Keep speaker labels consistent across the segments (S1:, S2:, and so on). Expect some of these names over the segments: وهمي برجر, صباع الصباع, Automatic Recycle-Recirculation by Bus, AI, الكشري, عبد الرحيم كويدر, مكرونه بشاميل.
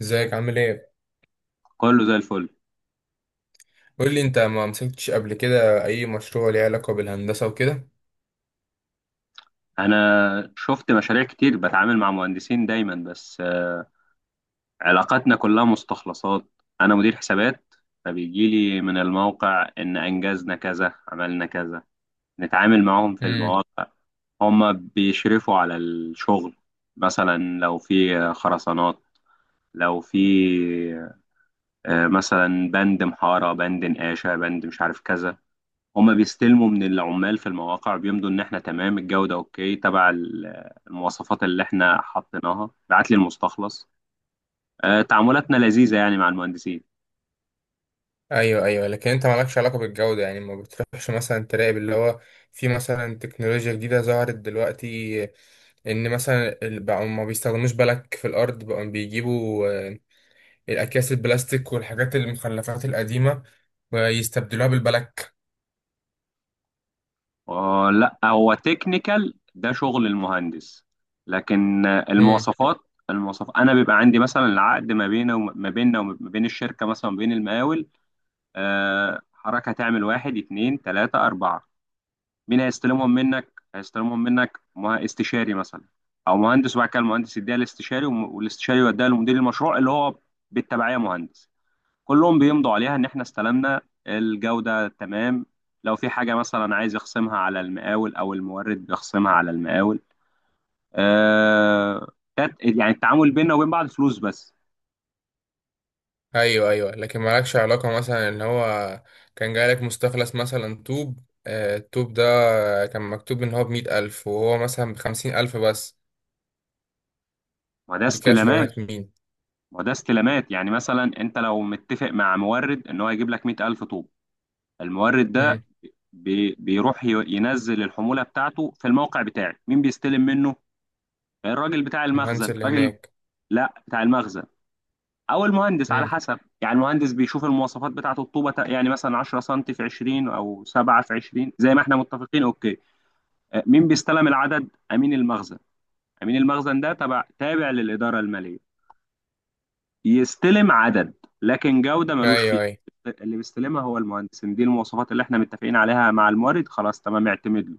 S1: ازيك، عامل ايه؟
S2: كله زي الفل.
S1: قول لي، انت ما مسكتش قبل كده اي مشروع ليه علاقه بالهندسه وكده؟
S2: انا شفت مشاريع كتير بتعامل مع مهندسين دايما، بس علاقاتنا كلها مستخلصات. انا مدير حسابات، فبيجي لي من الموقع ان انجزنا كذا، عملنا كذا. نتعامل معاهم في
S1: امم.
S2: المواقع، هما بيشرفوا على الشغل. مثلا لو في خرسانات، لو في مثلا بند محارة، بند نقاشة، بند مش عارف كذا. هما بيستلموا من العمال في المواقع، بيمضوا ان احنا تمام الجودة، اوكي تبع المواصفات اللي احنا حطيناها، بعت لي المستخلص. تعاملاتنا لذيذة يعني مع المهندسين.
S1: ايوه، ايوه، لكن انت مالكش علاقه بالجوده؟ يعني ما بتروحش مثلا تراقب اللي هو في مثلا تكنولوجيا جديده ظهرت دلوقتي، ان مثلا بقوا ما بيستخدموش بلك في الارض، بقوا بيجيبوا الاكياس البلاستيك والحاجات المخلفات القديمه ويستبدلوها بالبلك.
S2: لا هو تكنيكال ده، شغل المهندس. لكن المواصفات انا بيبقى عندي مثلا العقد ما بينه وما بيننا وما بين الشركة، مثلا ما بين المقاول. حركة تعمل واحد اتنين تلاتة أربعة، مين هيستلمهم منك؟ هيستلمهم منك استشاري مثلا، او مهندس، وبعد كده المهندس يديها الاستشاري، والاستشاري يوديها لمدير المشروع، اللي هو بالتبعيه مهندس. كلهم بيمضوا عليها ان احنا استلمنا، الجوده تمام. لو في حاجه مثلا عايز يخصمها على المقاول او المورد، بيخصمها على المقاول. آه يعني التعامل بيننا وبين بعض فلوس بس.
S1: ايوه، ايوه، لكن مالكش علاقه مثلا ان هو كان جايلك مستخلص مثلا طوب. الطوب ده كان مكتوب ان هو ب100 ألف وهو مثلا ب50 ألف بس.
S2: ما ده
S1: دي كده
S2: استلامات
S1: شغلانه مين؟
S2: ما ده استلامات. يعني مثلا انت لو متفق مع مورد ان هو يجيب لك 100000 طوب، المورد ده
S1: مم.
S2: بيروح ينزل الحمولة بتاعته في الموقع بتاعي. مين بيستلم منه؟ الراجل بتاع المخزن،
S1: المهندس اللي
S2: راجل.
S1: هناك.
S2: لا، بتاع المخزن او المهندس، على
S1: مم.
S2: حسب. يعني المهندس بيشوف المواصفات بتاعه الطوبه يعني مثلا 10 سم في 20 او 7 في 20 زي ما احنا متفقين، اوكي. مين بيستلم العدد؟ امين المخزن. امين المخزن ده تبع، تابع للاداره الماليه، يستلم عدد، لكن جوده ملوش فيها.
S1: ايوه، ايوه.
S2: اللي بيستلمها هو المهندس، إن دي المواصفات اللي احنا متفقين عليها مع المورد، خلاص تمام اعتمد له.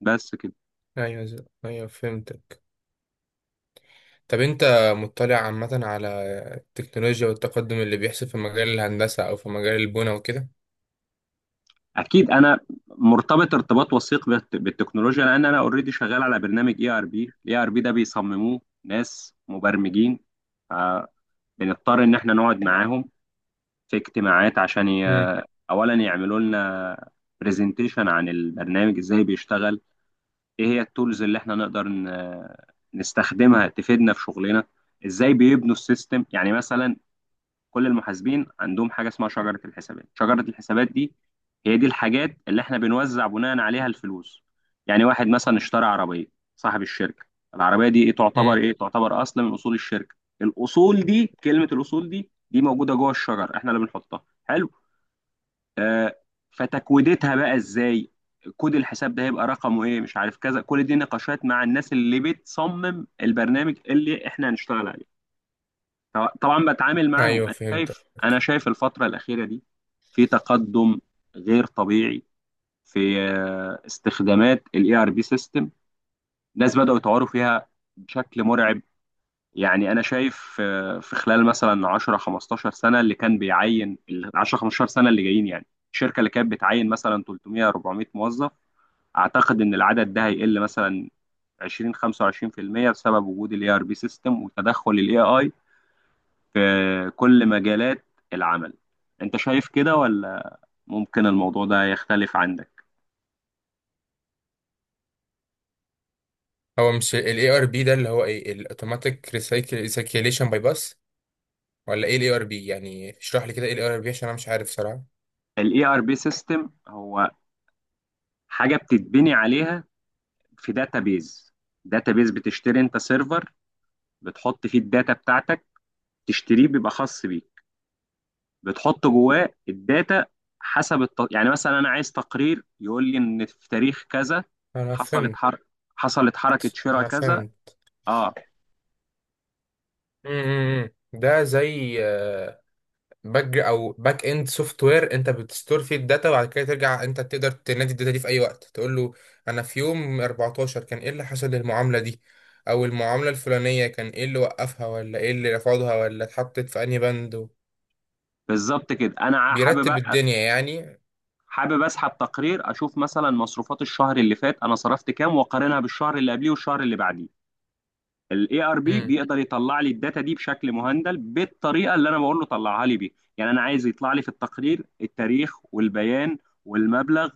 S2: بس كده.
S1: ايوه، ايوه فهمتك. طب انت مطلع عامه على التكنولوجيا والتقدم اللي بيحصل في مجال الهندسه او في مجال البنى وكده؟
S2: اكيد، انا مرتبط ارتباط وثيق بالتكنولوجيا، لان انا اوريدي شغال على برنامج اي ار بي. الاي ار بي ده بيصمموه ناس مبرمجين، فبنضطر ان احنا نقعد معاهم في اجتماعات عشان
S1: مم.
S2: اولا يعملوا لنا برزنتيشن عن البرنامج ازاي بيشتغل، ايه هي التولز اللي احنا نقدر نستخدمها تفيدنا في شغلنا، ازاي بيبنوا السيستم. يعني مثلا كل المحاسبين عندهم حاجه اسمها شجره الحسابات. شجره الحسابات دي هي دي الحاجات اللي احنا بنوزع بناء عليها الفلوس. يعني واحد مثلا اشترى عربيه، صاحب الشركه، العربيه دي ايه؟ تعتبر
S1: مم.
S2: ايه؟ تعتبر اصل من اصول الشركه. الاصول دي، كلمه الاصول دي، دي موجوده جوه الشجر، احنا اللي بنحطها. حلو. آه فتكويدتها بقى ازاي؟ كود الحساب ده هيبقى رقمه ايه؟ مش عارف كذا. كل دي نقاشات مع الناس اللي بتصمم البرنامج اللي احنا هنشتغل عليه. طبعا بتعامل معاهم.
S1: ايوه،
S2: انا
S1: فهمتك.
S2: شايف انا شايف الفتره الاخيره دي في تقدم غير طبيعي في استخدامات الاي ار بي سيستم. ناس بداوا يطوروا فيها بشكل مرعب. يعني انا شايف في خلال مثلا 10 15 سنه، اللي كان بيعين ال 10 15 سنه اللي جايين، يعني الشركه اللي كانت بتعين مثلا 300 400 موظف، اعتقد ان العدد ده هيقل مثلا 20 25% بسبب وجود الاي ار بي سيستم وتدخل الاي في كل مجالات العمل. انت شايف كده ولا ممكن الموضوع ده يختلف عندك؟
S1: هو مش ال ARB ده اللي هو ايه؟ ال Automatic Recirculation by Bus؟ ولا ايه الاي ار بي؟ يعني اشرح لي كده ايه الاي ار بي، عشان انا مش عارف صراحة.
S2: الاي ار بي سيستم هو حاجه بتتبني عليها في داتابيز. داتابيز، بتشتري انت سيرفر، بتحط فيه الداتا بتاعتك. تشتريه، بيبقى خاص بيك، بتحط جواه الداتا حسب يعني مثلا انا عايز تقرير يقول لي ان في تاريخ كذا
S1: انا
S2: حصلت
S1: فهمت.
S2: حر... حصلت حركه شراء
S1: انا
S2: كذا.
S1: فهمت.
S2: اه،
S1: ده زي باك اند سوفت وير. انت بتستور فيه الداتا وبعد كده ترجع انت تقدر تنادي الداتا دي في اي وقت، تقول له انا في يوم 14 كان ايه اللي حصل للمعاملة دي، او المعاملة الفلانية كان ايه اللي وقفها ولا ايه اللي رفضها ولا اتحطت في انهي بند
S2: بالظبط كده. انا حابب
S1: بيرتب الدنيا يعني.
S2: حابب اسحب تقرير اشوف مثلا مصروفات الشهر اللي فات، انا صرفت كام، واقارنها بالشهر اللي قبليه والشهر اللي بعديه. الاي ار بي
S1: امم.
S2: بيقدر يطلع لي الداتا دي بشكل مهندل بالطريقه اللي انا بقول له طلعها لي بيها. يعني انا عايز يطلع لي في التقرير التاريخ والبيان والمبلغ،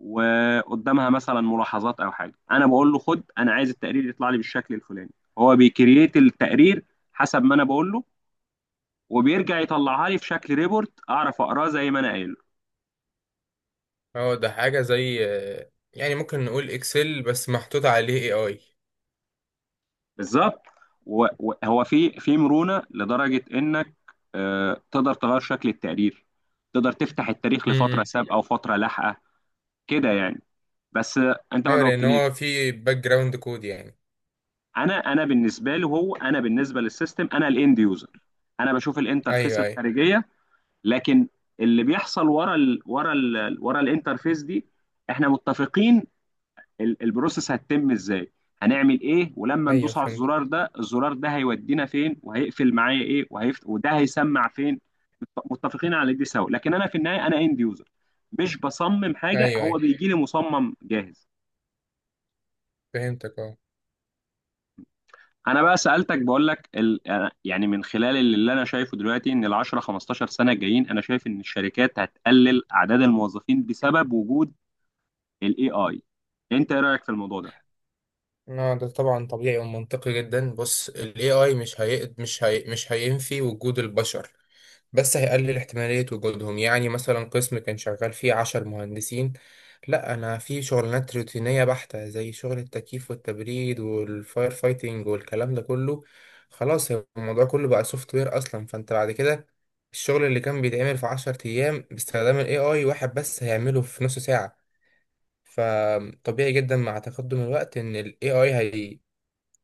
S2: وقدامها مثلا ملاحظات او حاجه. انا بقول له، خد انا عايز التقرير يطلع لي بالشكل الفلاني، هو بيكريت التقرير حسب ما انا بقول له، وبيرجع يطلعها لي في شكل ريبورت اعرف اقراه زي ما انا قايل.
S1: هو ده حاجة زي يعني ممكن نقول اكسل بس محطوط عليه اي.
S2: بالظبط. وهو في، في مرونه، لدرجه انك تقدر تغير شكل التقرير، تقدر تفتح التاريخ
S1: اي،
S2: لفتره سابقه وفتره لاحقه، كده يعني. بس انت ما
S1: ايوه، لان
S2: جاوبتنيش.
S1: هو في باك جراوند كود يعني.
S2: انا بالنسبه له، هو انا بالنسبه للسيستم انا الاند يوزر، انا بشوف الانترفيس
S1: ايوه، ايوه،
S2: الخارجيه. لكن اللي بيحصل ورا الانترفيس دي، احنا متفقين البروسيس هتتم ازاي، هنعمل ايه، ولما
S1: ايوه،
S2: ندوس على
S1: فهمت.
S2: الزرار ده، الزرار ده هيودينا فين، وهيقفل معايا ايه، وده هيسمع فين. متفقين على دي سوا، لكن انا في النهايه انا اند يوزر، مش بصمم حاجه،
S1: ايوه،
S2: هو
S1: ايوه،
S2: بيجي لي مصمم جاهز.
S1: فهمتك، اه.
S2: انا بقى سالتك، بقول لك يعني من خلال اللي انا شايفه دلوقتي، ان ال 10 15 سنه الجايين انا شايف ان الشركات هتقلل اعداد الموظفين بسبب وجود الاي اي. انت ايه رايك في الموضوع ده؟
S1: اه، ده طبعا طبيعي ومنطقي جدا. بص ال AI مش هينفي وجود البشر، بس هيقلل احتمالية وجودهم. يعني مثلا قسم كان شغال فيه 10 مهندسين، لا، أنا في شغلانات روتينية بحتة زي شغل التكييف والتبريد والفاير فايتنج والكلام ده كله، خلاص هو الموضوع كله بقى سوفت وير أصلا، فأنت بعد كده الشغل اللي كان بيتعمل في 10 أيام باستخدام ال AI واحد بس هيعمله في نص ساعة. فطبيعي جدا مع تقدم الوقت إن ال AI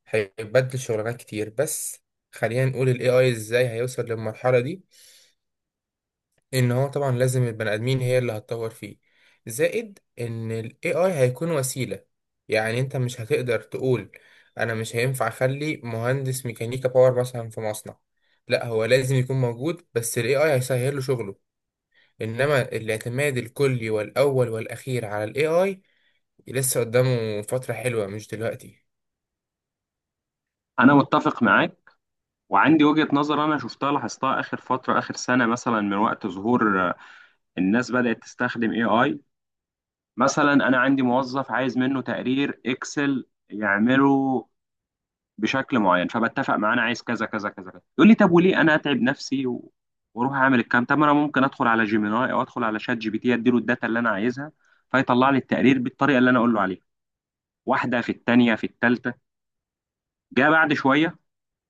S1: هيبدل شغلانات كتير. بس خلينا نقول ال AI إزاي هيوصل للمرحلة دي؟ ان هو طبعا لازم البني ادمين هي اللي هتطور فيه، زائد ان ال AI هيكون وسيلة. يعني انت مش هتقدر تقول انا مش هينفع اخلي مهندس ميكانيكا باور مثلا في مصنع، لا هو لازم يكون موجود بس ال AI هيسهل له شغله. انما الاعتماد الكلي والاول والاخير على ال AI لسه قدامه فترة حلوة، مش دلوقتي.
S2: انا متفق معاك، وعندي وجهة نظر انا شفتها، لاحظتها اخر فترة، اخر سنة مثلا، من وقت ظهور الناس بدأت تستخدم اي اي. مثلا انا عندي موظف عايز منه تقرير اكسل يعمله بشكل معين، فبتفق معاه انا عايز كذا كذا كذا كذا، يقول لي طب وليه انا اتعب نفسي واروح اعمل الكلام؟ طب ما انا ممكن ادخل على جيميناي او ادخل على شات جي بي تي، اديله الداتا اللي انا عايزها، فيطلع لي التقرير بالطريقة اللي انا اقول له عليها. واحدة، في التانية، في التالتة، جاء بعد شوية.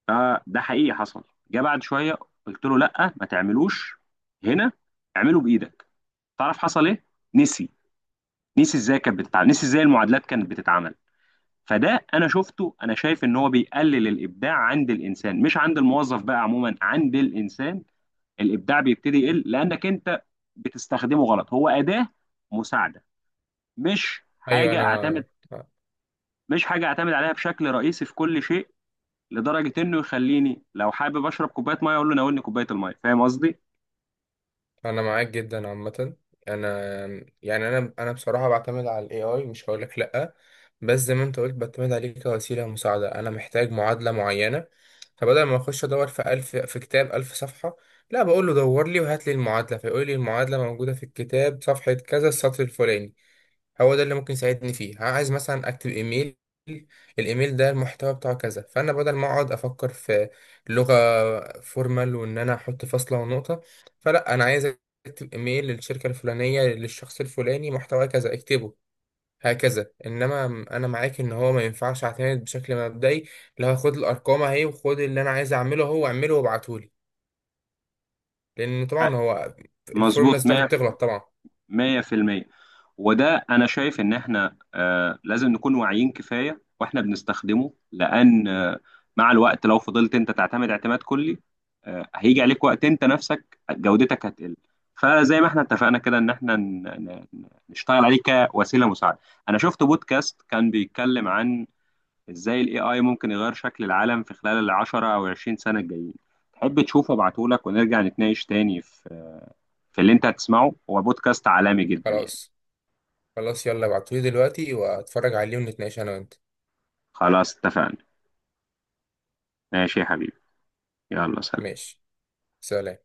S2: آه ده حقيقي حصل. جه بعد شويه، قلت له لا ما تعملوش هنا، اعمله بايدك. تعرف حصل ايه؟ نسي. نسي ازاي كانت بتتعمل، نسي ازاي المعادلات كانت بتتعمل. فده انا شفته. انا شايف ان هو بيقلل الابداع عند الانسان، مش عند الموظف بقى، عموما عند الانسان. الابداع بيبتدي يقل لانك انت بتستخدمه غلط. هو اداه مساعده، مش
S1: ايوه،
S2: حاجه
S1: انا
S2: اعتمد، مش حاجه اعتمد عليها بشكل رئيسي في كل شيء، لدرجه انه يخليني لو حابب اشرب كوبايه ميه اقول له ناولني كوبايه الميه. فاهم قصدي؟
S1: انا معاك جدا عامه. انا، يعني انا بصراحه بعتمد على الاي اي، مش هقول لك لا. بس زي ما انت قلت، بعتمد عليه كوسيله مساعده. انا محتاج معادله معينه، فبدل ما اخش ادور في الف، في كتاب 1000 صفحه، لا بقول له دور لي وهات لي المعادله، فيقول لي المعادله موجوده في الكتاب صفحه كذا السطر الفلاني. هو ده اللي ممكن يساعدني فيه. عايز مثلا اكتب ايميل، الايميل ده المحتوى بتاعه كذا، فانا بدل ما اقعد افكر في لغة فورمال، وان انا احط فاصلة ونقطة، فلا، انا عايز اكتب ايميل للشركة الفلانية، للشخص الفلاني، محتوى كذا، اكتبه هكذا. انما انا معاك ان هو ما ينفعش اعتمد بشكل مبدئي، اللي هو خد الارقام اهي وخد اللي انا عايز اعمله، هو اعمله وابعتهولي، لان طبعا هو الفورمولا
S2: مظبوط
S1: بتاعته
S2: 100،
S1: بتغلط طبعا.
S2: 100%. وده انا شايف ان احنا آه لازم نكون واعيين كفايه واحنا بنستخدمه، لان آه مع الوقت لو فضلت انت تعتمد اعتماد كلي، آه هيجي عليك وقت انت نفسك جودتك هتقل. فزي ما احنا اتفقنا كده ان احنا نشتغل عليه كوسيله مساعده. انا شفت بودكاست كان بيتكلم عن ازاي الاي اي ممكن يغير شكل العالم في خلال العشرة او عشرين سنة الجايين. تحب تشوفه؟ ابعتهولك ونرجع نتناقش تاني في، في اللي انت هتسمعه. هو بودكاست عالمي جدا يعني.
S1: خلاص. خلاص، يلا، ابعتولي دلوقتي واتفرج عليه، ونتناقش انا وانت.
S2: خلاص اتفقنا. ماشي يا حبيبي. يلا سلام.
S1: ماشي. سلام.